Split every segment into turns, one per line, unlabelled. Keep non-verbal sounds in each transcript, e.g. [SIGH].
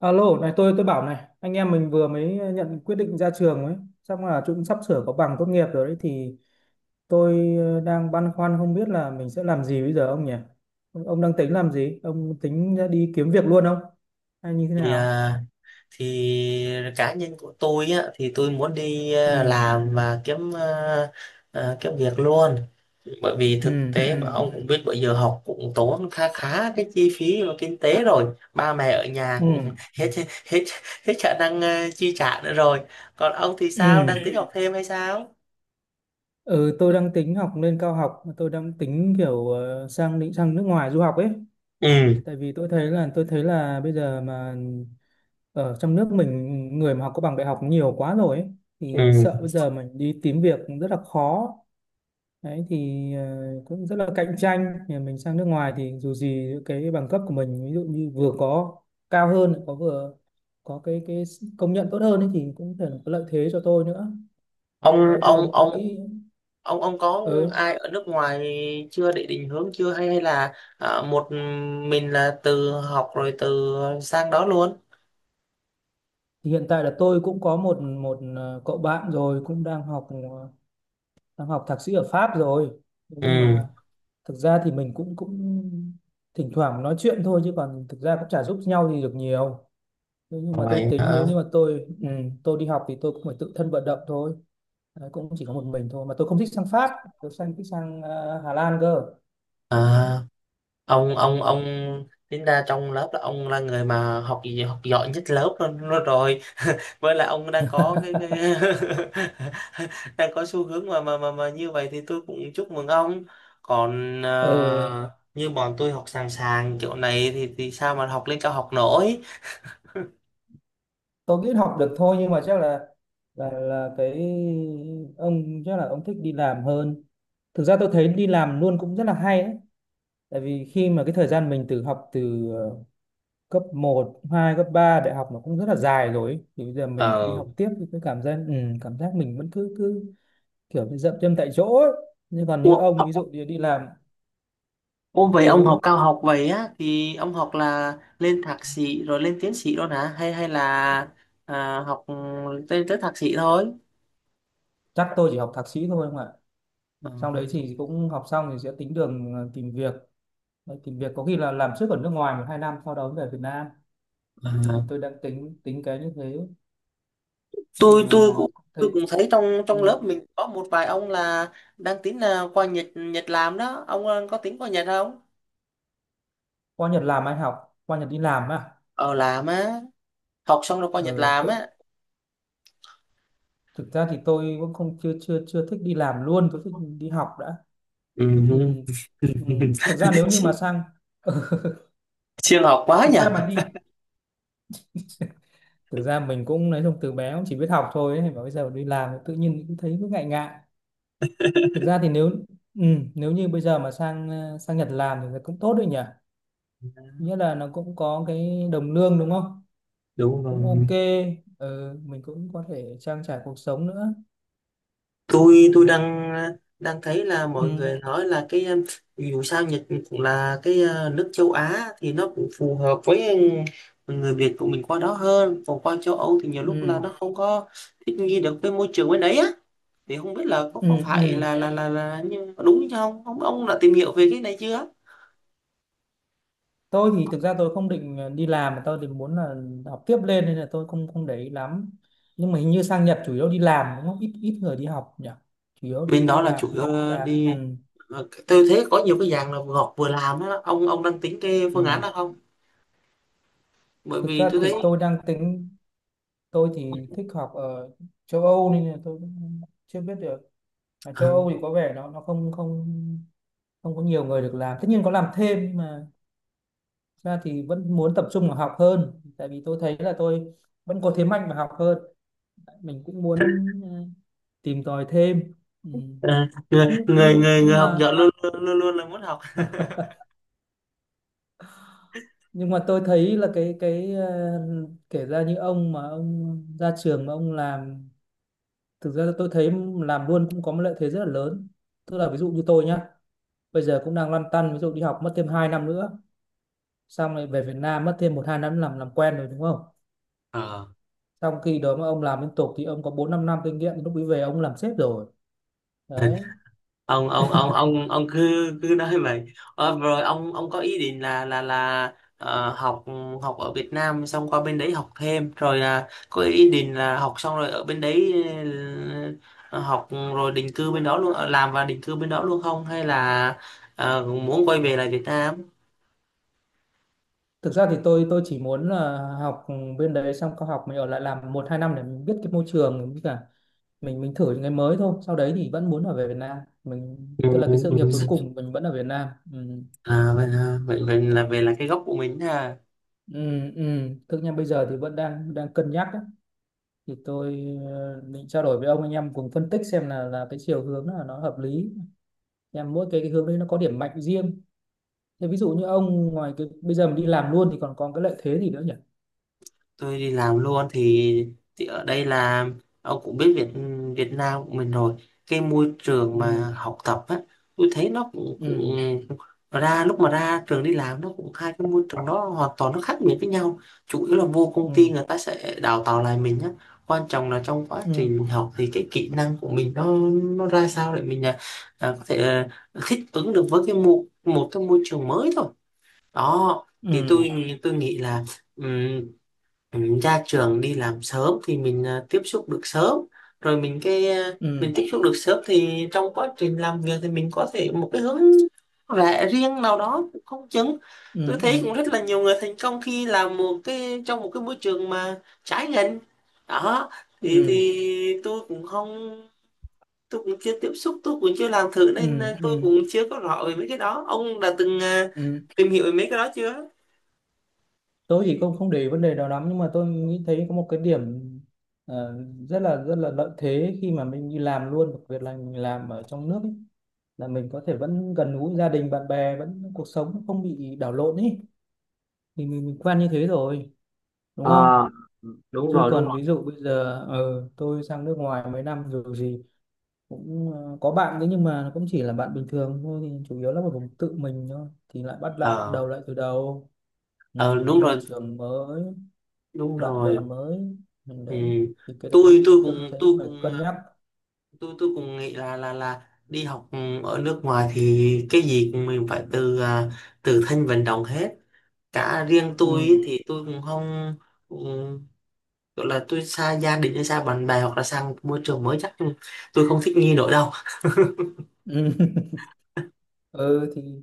Alo, này, tôi bảo này, anh em mình vừa mới nhận quyết định ra trường ấy, chắc là chúng sắp sửa có bằng tốt nghiệp rồi đấy. Thì tôi đang băn khoăn không biết là mình sẽ làm gì bây giờ, ông nhỉ? Ông đang tính làm gì? Ông tính ra đi kiếm việc luôn không? Hay như thế
thì
nào?
à, thì cá nhân của tôi á thì tôi muốn đi
Ừ,
làm và kiếm việc luôn, bởi vì
ừ,
thực tế mà
ừ,
ông cũng biết bây giờ học cũng tốn khá khá cái chi phí và kinh tế rồi. Ba mẹ ở nhà cũng
ừ,
[LAUGHS] hết hết hết khả năng chi trả nữa rồi. Còn ông thì sao,
ừ.
đang tính học thêm hay sao?
Ừ, tôi đang tính học lên cao học, tôi đang tính kiểu định sang nước ngoài du học ấy.
Ừ,
Tại vì tôi thấy là bây giờ mà ở trong nước mình, người mà học có bằng đại học nhiều quá rồi ấy, thì
ừ.
sợ bây giờ mình đi tìm việc cũng rất là khó. Đấy thì cũng rất là cạnh tranh. Nhà mình sang nước ngoài thì dù gì cái bằng cấp của mình, ví dụ như vừa có cao hơn, lại có vừa có cái công nhận tốt hơn ấy, thì cũng có thể là có lợi thế cho tôi nữa.
ông
Đấy thì
ông
ông
ông
ông nghĩ
ông ông có
ừ,
ai ở nước ngoài chưa để định hướng chưa, hay hay là một mình là từ học rồi từ sang đó luôn?
thì hiện tại là tôi cũng có một một cậu bạn rồi, cũng đang học đang học thạc sĩ ở Pháp rồi. Thế nhưng
Ừ,
mà thực ra thì mình cũng cũng thỉnh thoảng nói chuyện thôi, chứ còn thực ra cũng chả giúp nhau gì được nhiều. Thế nhưng mà tôi
vậy
tính,
hả?
nếu như mà tôi ừ, tôi đi học thì tôi cũng phải tự thân vận động thôi. Đấy, cũng chỉ có một mình thôi mà tôi không thích sang Pháp, tôi thích sang Hà Lan cơ.
à,
Đấy.
ông ông
Ừ.
ông tính ra trong lớp là ông là người mà học gì học giỏi nhất lớp luôn, luôn rồi, với lại ông đang có cái
[LAUGHS]
[LAUGHS] đang có xu hướng mà như vậy, thì tôi cũng chúc mừng ông. còn
Ừ,
à, như bọn tôi học sàng sàng kiểu này thì sao mà học lên cao học nổi.
tôi nghĩ học được thôi, nhưng mà chắc là ông chắc là ông thích đi làm hơn. Thực ra tôi thấy đi làm luôn cũng rất là hay đấy. Tại vì khi mà cái thời gian mình từ học, từ cấp 1, 2, cấp 3, đại học nó cũng rất là dài rồi ấy. Thì bây giờ mình lại đi
Ờ.
học tiếp thì cái cảm giác ừ, cảm giác mình vẫn cứ cứ kiểu như dậm chân tại chỗ ấy. Nhưng còn như
Ủa,
ông, ví dụ như đi làm,
ủa, vậy ông học
ừ,
cao học vậy á, thì ông học là lên thạc sĩ rồi lên tiến sĩ luôn hả, hay hay là học tới thạc sĩ thôi?
chắc tôi chỉ học thạc sĩ thôi, không ạ.
Ờ,
Sau đấy thì cũng học xong thì sẽ tính đường tìm việc. Đấy, tìm việc có khi là làm trước ở nước ngoài 1 2 năm, sau đó về Việt Nam. Thì
ờ.
tôi đang tính tính cái như thế, nhưng
tôi tôi
mà
cũng tôi
thấy
cũng thấy trong
ừ.
trong lớp mình có một vài ông là đang tính là qua Nhật Nhật làm đó. Ông có tính qua Nhật không?
Qua Nhật làm, ai học qua Nhật đi làm à?
Ờ, làm á? Học xong rồi qua Nhật
Ừ,
làm
tôi-
á?
thực ra thì tôi cũng không, chưa chưa chưa thích đi làm luôn, tôi thích đi học đã. Thế thì
Ừ. [LAUGHS]
ừ, thực ra nếu như mà sang [LAUGHS] ừ,
Siêng học quá
thực
nhỉ.
ra mà đi, thực ra mình cũng nói chung từ bé cũng chỉ biết học thôi ấy, mà bây giờ đi làm tự nhiên cũng thấy cứ ngại ngại. Thực ra
[LAUGHS]
thì nếu ừ, nếu như bây giờ mà sang sang Nhật làm thì cũng tốt đấy nhỉ, nghĩa là nó cũng có cái đồng lương, đúng không?
Đúng
Cũng
rồi,
ok. Ừ, mình cũng có thể trang trải cuộc sống nữa.
tôi
Ừ,
đang đang thấy là mọi người nói là cái dù sao Nhật là cái nước châu Á thì nó cũng phù hợp với người Việt của mình qua đó hơn, còn qua châu Âu thì nhiều lúc là
ừ,
nó không có thích nghi được với môi trường bên đấy á. Thì không biết là
ừ,
có phải
ừ.
là đúng chứ không? Ông đã tìm hiểu về cái này chưa?
Tôi thì thực ra tôi không định đi làm, mà tôi định muốn là học tiếp lên, nên là tôi không không để ý lắm. Nhưng mà hình như sang Nhật chủ yếu đi làm, đúng không, ít ít người đi học nhỉ, chủ yếu đi
Bên đó
đi
là
làm,
chủ
sang
yếu
Nhật đi làm
đi.
ừ,
Tôi thấy có nhiều cái dạng là ngọt vừa làm á, ông đang tính cái phương án
ừ.
đó không? Bởi
Thực
vì
ra
tôi thấy.
thì tôi đang tính, tôi thì thích học ở châu Âu nên là tôi cũng chưa biết được, mà châu Âu
Ừ.
thì có vẻ nó không không không có nhiều người được làm, tất nhiên có làm thêm, nhưng mà thực ra thì vẫn muốn tập trung vào học hơn, tại vì tôi thấy là tôi vẫn có thế mạnh và học hơn, mình cũng muốn tìm tòi thêm. Ừ.
Ờ, người
nhưng,
người
nhưng
người
nhưng
người học
mà
giỏi luôn luôn là muốn học. [LAUGHS]
nhưng mà tôi thấy là cái kể ra như ông mà ông ra trường mà ông làm, thực ra tôi thấy làm luôn cũng có một lợi thế rất là lớn. Tức là ví dụ như tôi nhá, bây giờ cũng đang lăn tăn, ví dụ đi học mất thêm 2 năm nữa, xong lại về Việt Nam mất thêm 1 2 năm làm quen rồi, đúng không?
Ờ.
Trong khi đó mà ông làm liên tục thì ông có 4 5 năm kinh nghiệm, lúc ấy về ông làm sếp rồi. Đấy.
Ông cứ cứ nói vậy. Ờ, rồi ông có ý định là ờ, học học ở Việt Nam xong qua bên đấy học thêm, rồi có ý định là học xong rồi ở bên đấy, ờ, học rồi định cư bên đó luôn, làm và định cư bên đó luôn, không hay là muốn quay về lại Việt Nam?
Thực ra thì tôi chỉ muốn là học ừ, bên đấy xong, có học mình ở lại làm 1 2 năm để mình biết cái môi trường, với cả mình thử những cái mới thôi. Sau đấy thì vẫn muốn ở về Việt Nam. Mình
Ừ,
tức là cái sự nghiệp cuối
ừ.
cùng mình vẫn ở Việt Nam. Ừ.
À, vậy vậy là về là cái gốc của mình ha.
Ừ, ừ. Thực ra bây giờ thì vẫn đang đang cân nhắc ấy. Thì tôi định trao đổi với ông, anh em cùng phân tích xem là cái chiều hướng là nó hợp lý. Em mỗi cái hướng đấy nó có điểm mạnh riêng. Thế ví dụ như ông, ngoài cái bây giờ mình đi làm luôn thì còn có cái lợi thế gì nữa nhỉ?
Tôi đi làm luôn thì, ở đây là ông cũng biết Việt Việt Nam của mình rồi. Cái môi trường
Ừ.
mà học tập á, tôi thấy nó cũng,
Ừ.
cũng ra lúc mà ra trường đi làm, nó cũng hai cái môi trường đó hoàn toàn nó khác biệt với nhau. Chủ yếu là vô công ty
Ừ.
người ta sẽ đào tạo lại mình á, quan trọng là trong quá
Ừ.
trình mình học thì cái kỹ năng của mình nó ra sao để mình có thể thích ứng được với cái một một cái môi trường mới thôi đó. Thì
Ừ.
tôi nghĩ là ừ, ra trường đi làm sớm thì mình tiếp xúc được sớm, rồi mình
Ừ,
tiếp xúc được sớm thì trong quá trình làm việc thì mình có thể một cái hướng lẽ riêng nào đó cũng không chừng. Tôi
ừ,
thấy
ừ,
cũng rất là nhiều người thành công khi làm một cái, trong một cái môi trường mà trái ngành đó, thì
ừ,
tôi cũng không tôi cũng chưa tiếp xúc, tôi cũng chưa làm thử, nên
ừ, ừ,
tôi cũng chưa có rõ về mấy cái đó. Ông đã từng
ừ.
tìm hiểu về mấy cái đó chưa?
Tôi thì không không để ý vấn đề đó lắm, nhưng mà tôi nghĩ thấy có một cái điểm ờ, rất là lợi thế khi mà mình đi làm luôn, đặc biệt là mình làm ở trong nước ấy, là mình có thể vẫn gần gũi gia đình bạn bè, vẫn cuộc sống không bị đảo lộn ấy, thì mình quen như thế rồi, đúng
Ờ,
không?
đúng
Chứ
rồi, đúng
còn
rồi.
ví dụ bây giờ tôi sang nước ngoài mấy năm rồi gì, cũng có bạn đấy, nhưng mà nó cũng chỉ là bạn bình thường thôi, thì chủ yếu là một vùng tự mình thôi, thì lại bắt lại
Ờ,
đầu lại từ đầu. Ừ,
ờ, đúng
môi
rồi,
trường mới,
đúng
bạn
rồi.
bè mới. Ừ,
Ừ.
đấy, thì cái đấy cũng thấy
Tôi
phải
cũng
cân
ờ,
nhắc.
tôi cũng nghĩ là đi học ở nước ngoài thì cái gì cũng mình phải từ từ thân vận động hết cả, riêng tôi
Ừ.
ý thì tôi cũng không um, gọi là tôi xa gia đình hay xa bạn bè hoặc là sang môi trường mới, chắc tôi không thích nghi nổi đâu.
Ừ. [LAUGHS] Ừ thì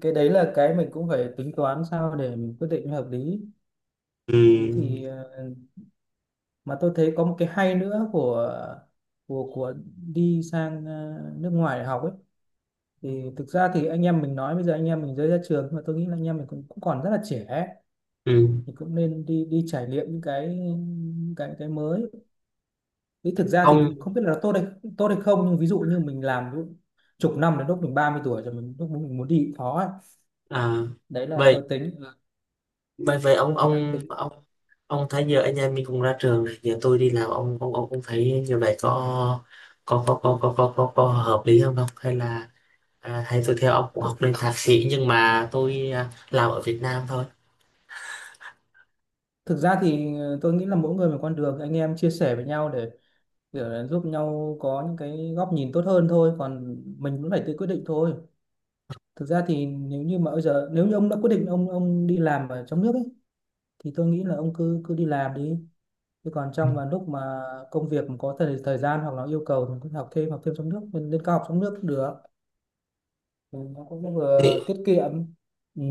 cái đấy là cái mình cũng phải tính toán sao để mình quyết định hợp lý.
Ừ.
Đấy thì mà tôi thấy có một cái hay nữa của của đi sang nước ngoài để học ấy, thì thực ra thì anh em mình nói bây giờ anh em mình mới ra trường, nhưng mà tôi nghĩ là anh em mình cũng còn rất là trẻ ấy.
Ừ.
Thì cũng nên đi đi trải nghiệm những cái, những cái mới, thì thực ra thì
ông
không biết là nó tốt hay không, nhưng ví dụ như mình làm lúc chục năm, đến lúc mình 30 tuổi rồi, mình lúc mình muốn đi cũng khó ấy.
à,
Đấy là
vậy
tôi tính,
vậy vậy
thì đang tính.
ông thấy giờ anh em mình cũng ra trường rồi, giờ tôi đi làm, ông ông cũng thấy như vậy, có hợp lý không không hay là à, hay tôi theo ông cũng học
thực,
lên thạc sĩ nhưng mà tôi làm ở Việt Nam
thực ra thì tôi nghĩ là mỗi người một con đường, anh em chia sẻ với nhau để giúp nhau có những cái góc nhìn tốt hơn thôi, còn mình cũng phải tự quyết định thôi. Thực ra thì nếu như mà bây giờ, nếu như ông đã quyết định ông đi làm ở trong nước ấy, thì tôi nghĩ là ông cứ cứ đi làm đi, chứ còn trong mà lúc mà công việc có thời thời gian, hoặc là yêu cầu, thì có học thêm, học thêm trong nước, lên lên cao học trong nước cũng được. Ừ, nó cũng
thôi?
vừa tiết kiệm. Ừ.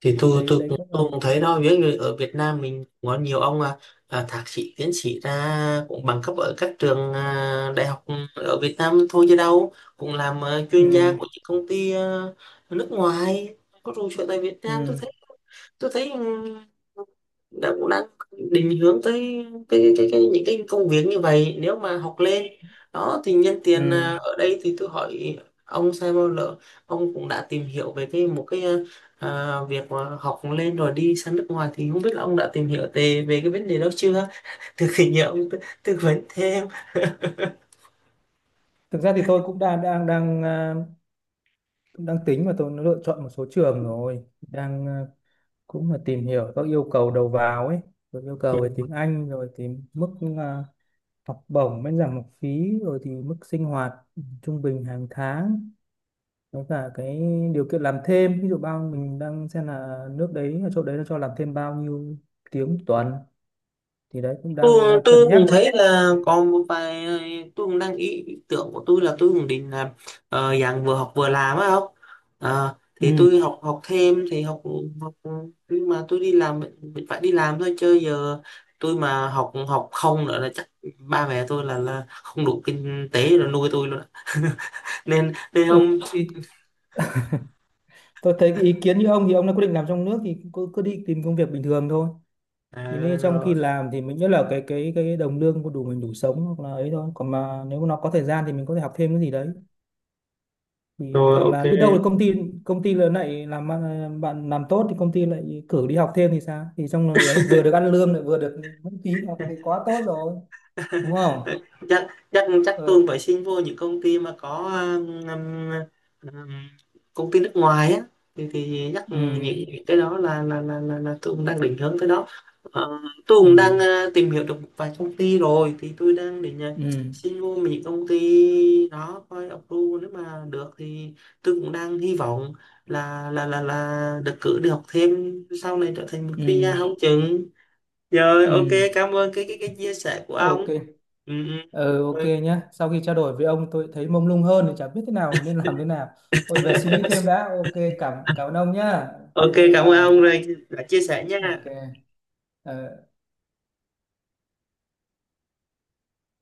Thì
Thì
tôi
đấy,
tôi
đấy
cũng
cũng là
tôi cũng
một.
thấy đó, ví dụ như ở Việt Nam mình cũng có nhiều ông thạc sĩ tiến sĩ ra cũng bằng cấp ở các trường đại học ở Việt Nam thôi, chứ đâu, cũng làm chuyên gia
Ừ.
của những công ty nước ngoài có trụ sở tại Việt Nam. Tôi
Ừ.
thấy, tôi thấy ừm, đã cũng đang định hướng tới cái những cái công việc như vậy, nếu mà học lên đó thì nhân tiền
Ừ.
ở đây thì tôi hỏi ông xem, bao lỡ ông cũng đã tìm hiểu về cái một cái việc mà học lên rồi đi sang nước ngoài, thì không biết là ông đã tìm hiểu về về cái vấn đề đó chưa, từ khi nhờ ông tư vấn thêm.
Thực ra thì tôi cũng đang đang đang à, cũng đang tính, và tôi lựa chọn một số trường rồi, đang cũng là tìm hiểu các yêu cầu đầu vào ấy, rồi yêu
Ừ.
cầu về tiếng Anh, rồi tìm mức à, học bổng miễn giảm học phí, rồi thì mức sinh hoạt trung bình hàng tháng, với cả cái điều kiện làm thêm, ví dụ bao mình đang xem là nước đấy ở chỗ đấy nó cho làm thêm bao nhiêu tiếng một tuần, thì đấy cũng đang
tôi
đang
tôi
cân nhắc.
cũng thấy là còn một vài, tôi cũng đang ý ý tưởng của tôi là tôi cũng định là dạng vừa học vừa làm á, không? Ờ,
Ừ.
thì tôi học học thêm thì học học, nhưng mà tôi đi làm, mình phải đi làm thôi, chứ giờ tôi mà học học không nữa là chắc ba mẹ tôi là không đủ kinh tế rồi nuôi tôi luôn ạ. [LAUGHS] nên nên
Ừ,
không.
thì tôi thấy cái ý kiến như ông, thì ông đã quyết định làm trong nước thì cứ cứ đi tìm công việc bình thường thôi,
À,
thì nên trong khi
rồi,
làm thì mình, nhất là cái đồng lương có đủ mình đủ sống hoặc là ấy thôi, còn mà nếu mà nó có thời gian thì mình có thể học thêm cái gì đấy, thì
rồi,
hoặc
ok.
là biết đâu là
[LAUGHS]
công ty, công ty lớn lại làm ăn- bạn làm tốt thì công ty lại cử đi học thêm thì sao, thì trong lúc đấy vừa được ăn lương lại vừa được miễn phí học thì quá tốt rồi, đúng không?
chắc chắc chắc tôi
ờ,
phải xin vô những công ty mà có um, um, um, công ty nước ngoài á, thì chắc
ừ,
nghĩ cái đó là là tôi cũng đang định hướng tới đó. Ờ, tôi
ừ,
cũng đang tìm hiểu được một vài công ty rồi, thì tôi đang định
ừ,
xin vô những công ty đó coi approve, nếu mà được thì tôi cũng đang hy vọng là được cử đi học thêm, sau này trở thành một PR
ừ,
không chừng. Rồi, ok,
ừ.
cảm ơn cái chia sẻ của
Ok.
ông. Ừ, ừ.
Ờ, ok
Ừ,
nhá, sau khi trao đổi với ông tôi thấy mông lung hơn, thì chả biết thế nào, nên làm thế nào. Ôi, về suy nghĩ thêm đã. Ok, cảm cảm ơn ông nhá, ok,
ok,
bye
cảm ơn
bye.
ông rồi đã chia sẻ nha.
Ok. Ờ.